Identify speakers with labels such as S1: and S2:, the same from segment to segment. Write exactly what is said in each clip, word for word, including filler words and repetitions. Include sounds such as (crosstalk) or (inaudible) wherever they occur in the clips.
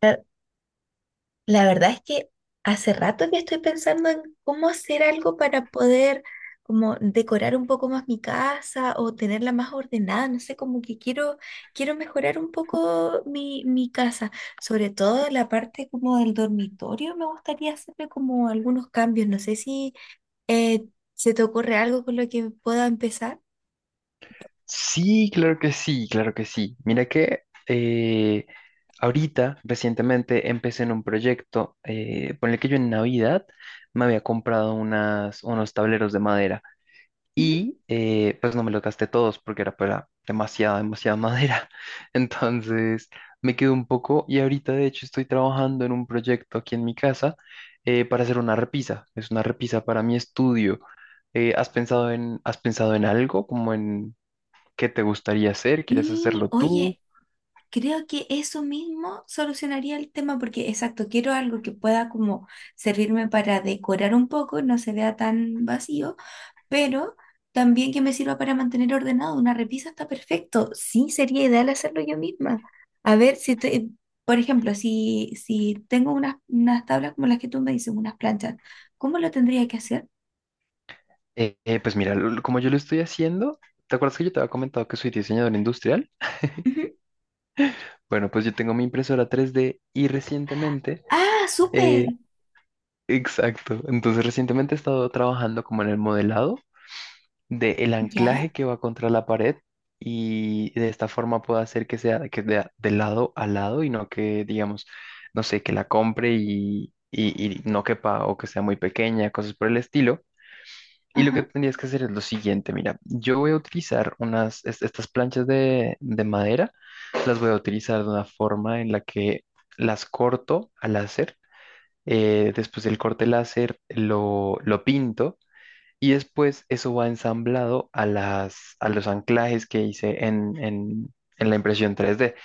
S1: La, la verdad es que hace rato que estoy pensando en cómo hacer algo para poder como decorar un poco más mi casa o tenerla más ordenada, no sé, como que quiero, quiero mejorar un poco mi, mi casa, sobre todo la parte como del dormitorio, me gustaría hacerle como algunos cambios, no sé si eh, se te ocurre algo con lo que pueda empezar.
S2: Sí, claro que sí, claro que sí. Mira que eh, ahorita, recientemente, empecé en un proyecto eh, por el que yo en Navidad me había comprado unas, unos tableros de madera
S1: Ujú.
S2: y eh, pues no me los gasté todos porque era para demasiada, demasiada madera. (laughs) Entonces me quedé un poco y ahorita de hecho estoy trabajando en un proyecto aquí en mi casa eh, para hacer una repisa. Es una repisa para mi estudio. Eh, ¿has pensado en, has pensado en algo como en, qué te gustaría hacer? ¿Quieres
S1: Y
S2: hacerlo tú?
S1: oye, creo que eso mismo solucionaría el tema porque, exacto, quiero algo que pueda como servirme para decorar un poco, no se vea tan vacío, pero también que me sirva para mantener ordenado. Una repisa está perfecto. Sí, sería ideal hacerlo yo misma. A ver, si te- por ejemplo, si, si tengo unas, unas tablas como las que tú me dices, unas planchas, ¿cómo lo tendría que hacer?
S2: Eh, eh, pues mira, lo- como yo lo estoy haciendo, ¿te acuerdas que yo te había comentado que soy diseñador industrial?
S1: Ujú.
S2: Bueno, pues yo tengo mi impresora tres D y recientemente,
S1: Ah,
S2: eh,
S1: súper.
S2: exacto, entonces recientemente he estado trabajando como en el modelado del
S1: ¿Ya?
S2: anclaje que va contra la pared, y de esta forma puedo hacer que sea que de, de lado a lado, y no que, digamos, no sé, que la compre y, y y no quepa, o que sea muy pequeña, cosas por el estilo. Y lo que
S1: Ajá.
S2: tendrías que hacer es lo siguiente, mira, yo voy a utilizar unas, est- estas planchas de, de madera, las voy a utilizar de una forma en la que las corto al láser, eh, después del corte láser lo, lo pinto, y después eso va ensamblado a las, a los anclajes que hice en, en en la impresión tres D.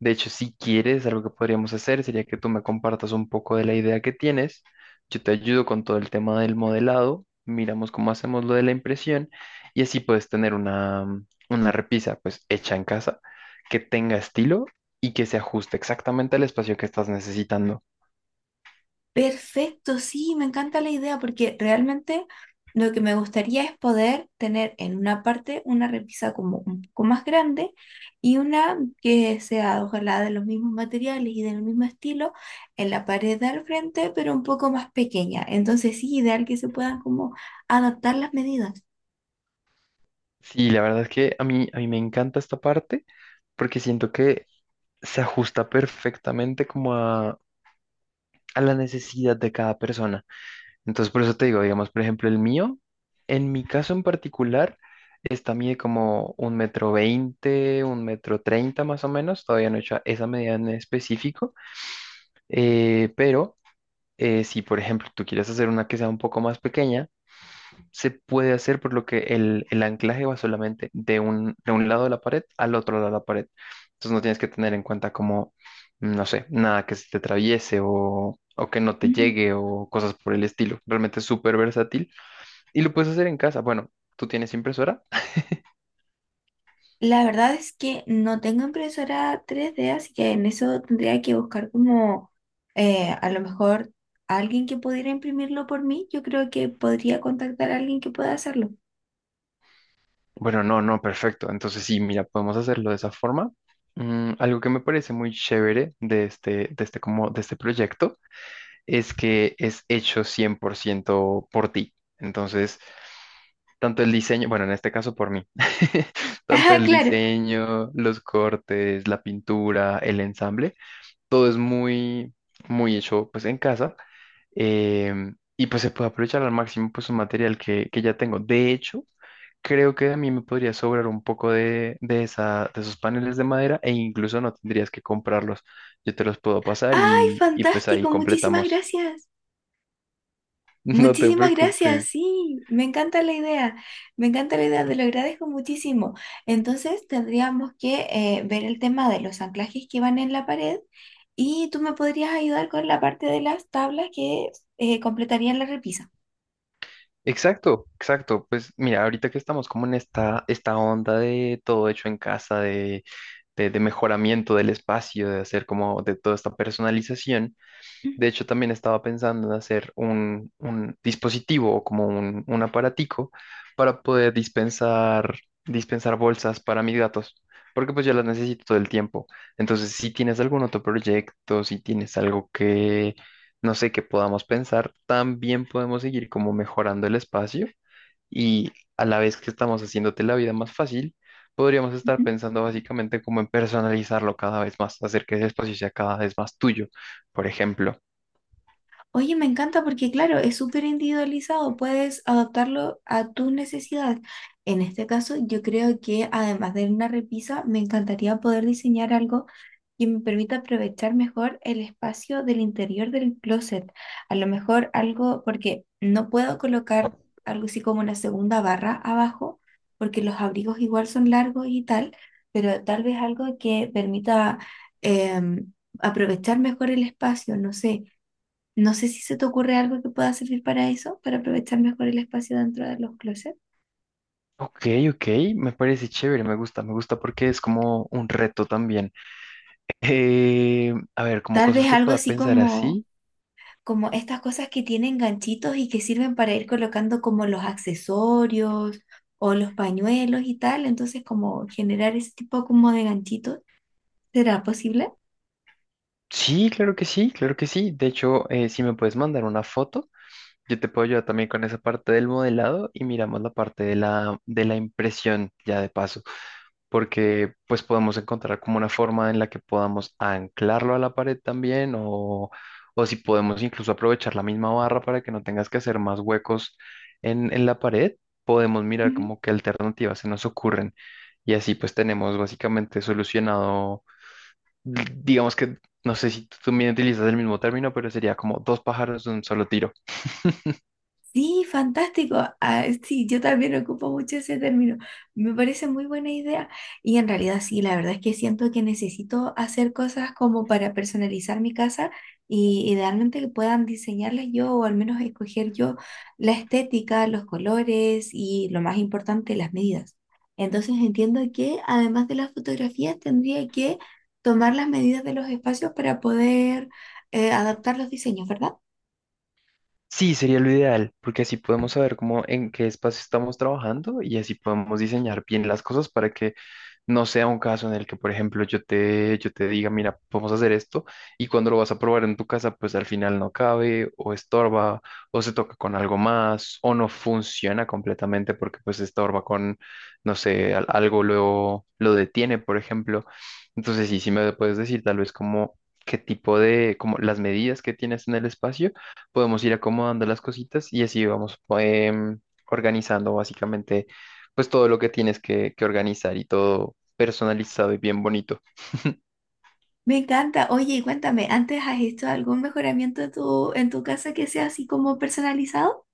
S2: De hecho, si quieres, algo que podríamos hacer sería que tú me compartas un poco de la idea que tienes. Yo te ayudo con todo el tema del modelado, miramos cómo hacemos lo de la impresión, y así puedes tener una, mm, una repisa pues hecha en casa, que tenga estilo y que se ajuste exactamente al espacio que estás necesitando.
S1: Perfecto, sí, me encanta la idea porque realmente lo que me gustaría es poder tener en una parte una repisa como un poco más grande y una que sea ojalá de los mismos materiales y del mismo estilo en la pared de al frente, pero un poco más pequeña. Entonces sí, ideal que se puedan como adaptar las medidas.
S2: Sí, la verdad es que a mí, a mí me encanta esta parte, porque siento que se ajusta perfectamente como a, a la necesidad de cada persona. Entonces, por eso te digo, digamos, por ejemplo, el mío, en mi caso en particular, esta mide como un metro veinte, un metro treinta más o menos, todavía no he hecho esa medida en específico, eh, pero eh, si, por ejemplo, tú quieres hacer una que sea un poco más pequeña, se puede hacer por lo que el, el anclaje va solamente de un, de un lado de la pared al otro lado de la pared. Entonces, no tienes que tener en cuenta como, mm, no sé, nada que se te atraviese, o... o que no te
S1: Ujú.
S2: llegue, o cosas por el estilo. Realmente es súper versátil y lo puedes hacer en casa. Bueno, ¿tú tienes impresora?
S1: La verdad es que no tengo impresora tres d, así que en eso tendría que buscar como eh, a lo mejor alguien que pudiera imprimirlo por mí. Yo creo que podría contactar a alguien que pueda hacerlo. (laughs)
S2: Bueno, no, no, perfecto. Entonces sí, mira, podemos hacerlo de esa forma. Mm, algo que me parece muy chévere de este, de este, como, de este proyecto es que es hecho cien por ciento por ciento por ti. Entonces, tanto el diseño, bueno, en este caso por mí, (laughs) tanto
S1: Ah,
S2: el
S1: claro.
S2: diseño, los cortes, la pintura, el ensamble, todo es muy, muy hecho pues en casa. Em, y pues se puede aprovechar al máximo pues un material que, que ya tengo. De hecho, creo que a mí me podría sobrar un poco de, de, esa, de esos paneles de madera, e incluso no tendrías que comprarlos. Yo te los puedo pasar,
S1: ¡Ay,
S2: y, y pues ahí
S1: fantástico! Muchísimas
S2: completamos.
S1: gracias.
S2: (laughs) No te
S1: Muchísimas gracias,
S2: preocupes.
S1: sí, me encanta la idea, me encanta la idea, te lo agradezco muchísimo. Entonces tendríamos que eh, ver el tema de los anclajes que van en la pared y tú me podrías ayudar con la parte de las tablas que eh, completarían la repisa.
S2: Exacto, exacto. Pues mira, ahorita que estamos como en esta, esta onda de todo hecho en casa, de, de, de mejoramiento del espacio, de hacer como de toda esta personalización. De
S1: Ujú,
S2: hecho, también estaba pensando en hacer un, un dispositivo, o como un, un aparatico para poder dispensar, dispensar bolsas para mis gatos, porque pues yo las necesito todo el tiempo. Entonces, si tienes algún otro proyecto, si tienes algo que, no sé, que podamos pensar, también podemos seguir como mejorando el espacio, y a la vez que estamos haciéndote la vida más fácil, podríamos estar
S1: ujú.
S2: pensando básicamente como en personalizarlo cada vez más, hacer que ese espacio sea cada vez más tuyo, por ejemplo.
S1: Oye, me encanta porque claro, es súper individualizado, puedes adaptarlo a tus necesidades. En este caso, yo creo que además de una repisa, me encantaría poder diseñar algo que me permita aprovechar mejor el espacio del interior del closet. A lo mejor algo, porque no puedo colocar algo así como una segunda barra abajo, porque los abrigos igual son largos y tal, pero tal vez algo que permita em, aprovechar mejor el espacio, no sé. No sé si se te ocurre algo que pueda servir para eso, para aprovechar mejor el espacio dentro de los closets.
S2: Ok, ok, me parece chévere, me gusta, me gusta porque es como un reto también. Eh, a ver, como
S1: Tal
S2: cosas
S1: vez
S2: que
S1: algo
S2: pueda
S1: así
S2: pensar
S1: como
S2: así.
S1: como estas cosas que tienen ganchitos y que sirven para ir colocando como los accesorios o los pañuelos y tal. Entonces, como generar ese tipo como de ganchitos, ¿será posible?
S2: Sí, claro que sí, claro que sí. De hecho, eh, si me puedes mandar una foto, yo te puedo ayudar también con esa parte del modelado y miramos la parte de la, de la impresión ya de paso. Porque pues podemos encontrar como una forma en la que podamos anclarlo a la pared también, o, o si podemos incluso aprovechar la misma barra para que no tengas que hacer más huecos en, en la pared, podemos mirar como qué alternativas se nos ocurren, y así pues tenemos básicamente solucionado, d- digamos que, no sé si tú también utilizas el mismo término, pero sería como dos pájaros de un solo tiro.
S1: Sí, fantástico. Ah, sí, yo también ocupo mucho ese término. Me parece muy buena idea. Y en realidad sí, la verdad es que siento que necesito hacer cosas como para personalizar mi casa y idealmente que puedan diseñarlas yo o al menos escoger yo la estética, los colores y lo más importante, las medidas. Entonces entiendo que además de las fotografías tendría que tomar las medidas de los espacios para poder eh, adaptar los diseños, ¿verdad?
S2: Sí, sería lo ideal, porque así podemos saber cómo en qué espacio estamos trabajando, y así podemos diseñar bien las cosas para que no sea un caso en el que, por ejemplo, yo te, yo te diga, mira, vamos a hacer esto, y cuando lo vas a probar en tu casa, pues al final no cabe o estorba, o se toca con algo más, o no funciona completamente porque pues estorba con, no sé, al- algo lo, lo detiene, por ejemplo. Entonces, sí, sí me puedes decir tal vez como qué tipo de, como las medidas que tienes en el espacio, podemos ir acomodando las cositas, y así vamos em, organizando básicamente pues todo lo que tienes que, que organizar, y todo personalizado y bien bonito.
S1: Me encanta. Oye, y cuéntame, ¿antes has hecho algún mejoramiento en tu, en tu casa que sea así como personalizado?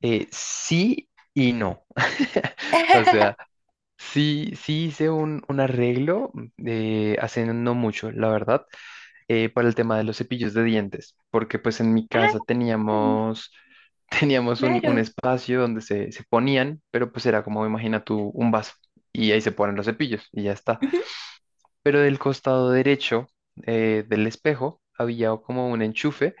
S2: Eh, sí y no. (laughs) O sea,
S1: (laughs)
S2: sí, sí hice un, un arreglo mm, eh, hace no mucho, la verdad, eh, para el tema de los cepillos de dientes, porque pues en mi casa
S1: Ah,
S2: teníamos, (laughs) teníamos un, un
S1: claro.
S2: espacio donde se, se ponían, pero pues era como, imagina tú, un vaso, y ahí se ponen los cepillos y ya está.
S1: Ujú.
S2: Pero del costado derecho, eh, del espejo, había como un enchufe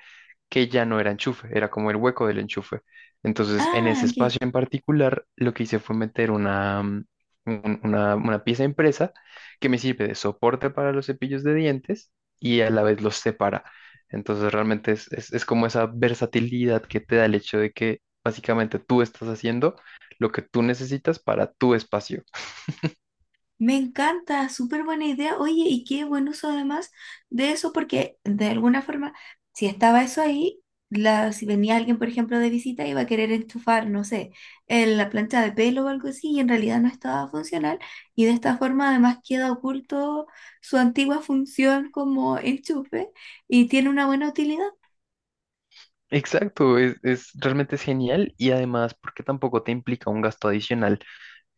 S2: que ya no era enchufe, era como el hueco del enchufe. Entonces, en
S1: Ah,
S2: ese
S1: ok.
S2: espacio en particular, lo que hice fue meter una, mm, un- una, una pieza impresa que me sirve de soporte para los cepillos de dientes, y a la vez los separa. Entonces, realmente es, es, es como esa versatilidad que te da el hecho de que básicamente tú estás haciendo lo que tú necesitas para tu espacio.
S1: Me encanta, súper buena idea. Oye, y qué buen uso además de eso, porque de alguna forma, si estaba eso ahí, la, si venía alguien, por ejemplo, de visita, iba a querer enchufar, no sé, en la plancha de pelo o algo así, y en realidad no estaba funcional. Y de esta forma, además, queda oculto su antigua función como enchufe y tiene una buena utilidad.
S2: Exacto, es, es- realmente es genial, y además porque tampoco te implica un gasto adicional.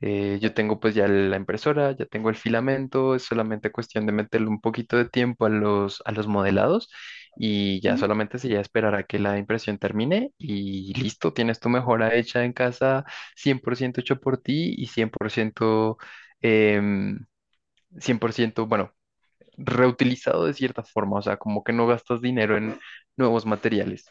S2: Eh, yo tengo pues ya la impresora, ya tengo el filamento, es solamente cuestión de meterle un poquito de tiempo a los, a los modelados, y ya solamente sería esperar a que la impresión termine y listo, tienes tu mejora hecha en casa cien por ciento hecho por ti, y cien por ciento, em, cien por ciento bueno, reutilizado de cierta forma, o sea, como que no gastas dinero en nuevos materiales.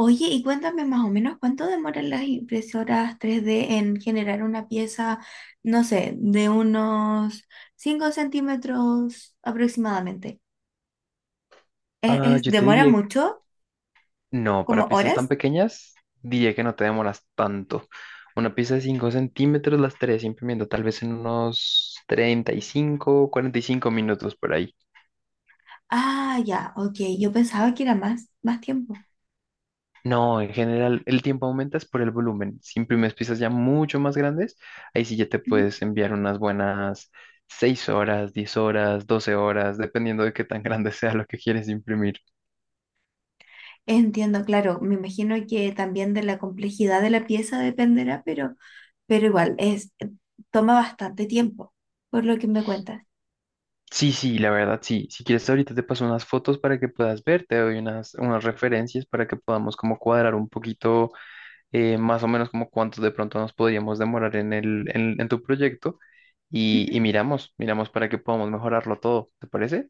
S1: Oye, y cuéntame más o menos cuánto demoran las impresoras tres D en generar una pieza, no sé, de unos cinco centímetros aproximadamente. ¿Es,
S2: Ah,
S1: es-
S2: yo te
S1: demora
S2: diría,
S1: mucho?
S2: no, para
S1: ¿Como
S2: piezas tan
S1: horas?
S2: pequeñas, diría que no te demoras tanto. Una pieza de cinco centímetros la estaré imprimiendo tal vez en unos treinta y cinco, cuarenta y cinco minutos por ahí.
S1: Ah, ya, ok. Yo pensaba que era más, más tiempo.
S2: No, en general el tiempo aumenta es por el volumen. Si imprimes piezas ya mucho más grandes, ahí sí ya te
S1: Ujú.
S2: puedes enviar unas buenas seis horas, diez horas, doce horas, dependiendo de qué tan grande (laughs) sea lo que quieres imprimir.
S1: Entiendo, claro. Me imagino que también de la complejidad de la pieza dependerá, pero, pero igual, es, toma bastante tiempo, por lo que me cuentas.
S2: Sí, sí, la verdad, sí. Si quieres, ahorita te paso unas fotos para que puedas ver, te doy unas, unas referencias para que podamos como cuadrar un poquito, eh, más o menos como cuánto de pronto nos podríamos demorar en el, en, en tu proyecto, y,
S1: Ujú.
S2: y miramos, miramos para que podamos mejorarlo todo, ¿te parece?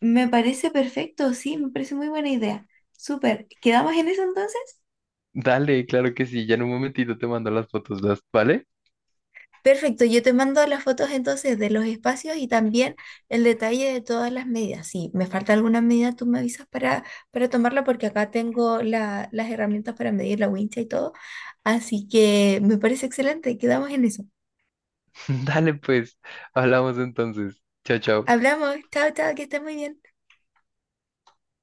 S1: Me parece perfecto, sí, me parece muy buena idea. Súper. ¿Quedamos en eso entonces?
S2: Dale, claro que sí, ya en un momentito te mando las fotos, ¿las- ¿vale?
S1: Perfecto, yo te mando las fotos entonces de los espacios y también el detalle de todas las medidas. Si me falta alguna medida, tú me avisas para, para tomarla porque acá tengo la- las herramientas para medir la wincha y todo. Así que me parece excelente, quedamos en eso.
S2: (laughs) Dale, pues, hablamos entonces. Chao, chao.
S1: Hablamos, chao, chao, que estés muy bien.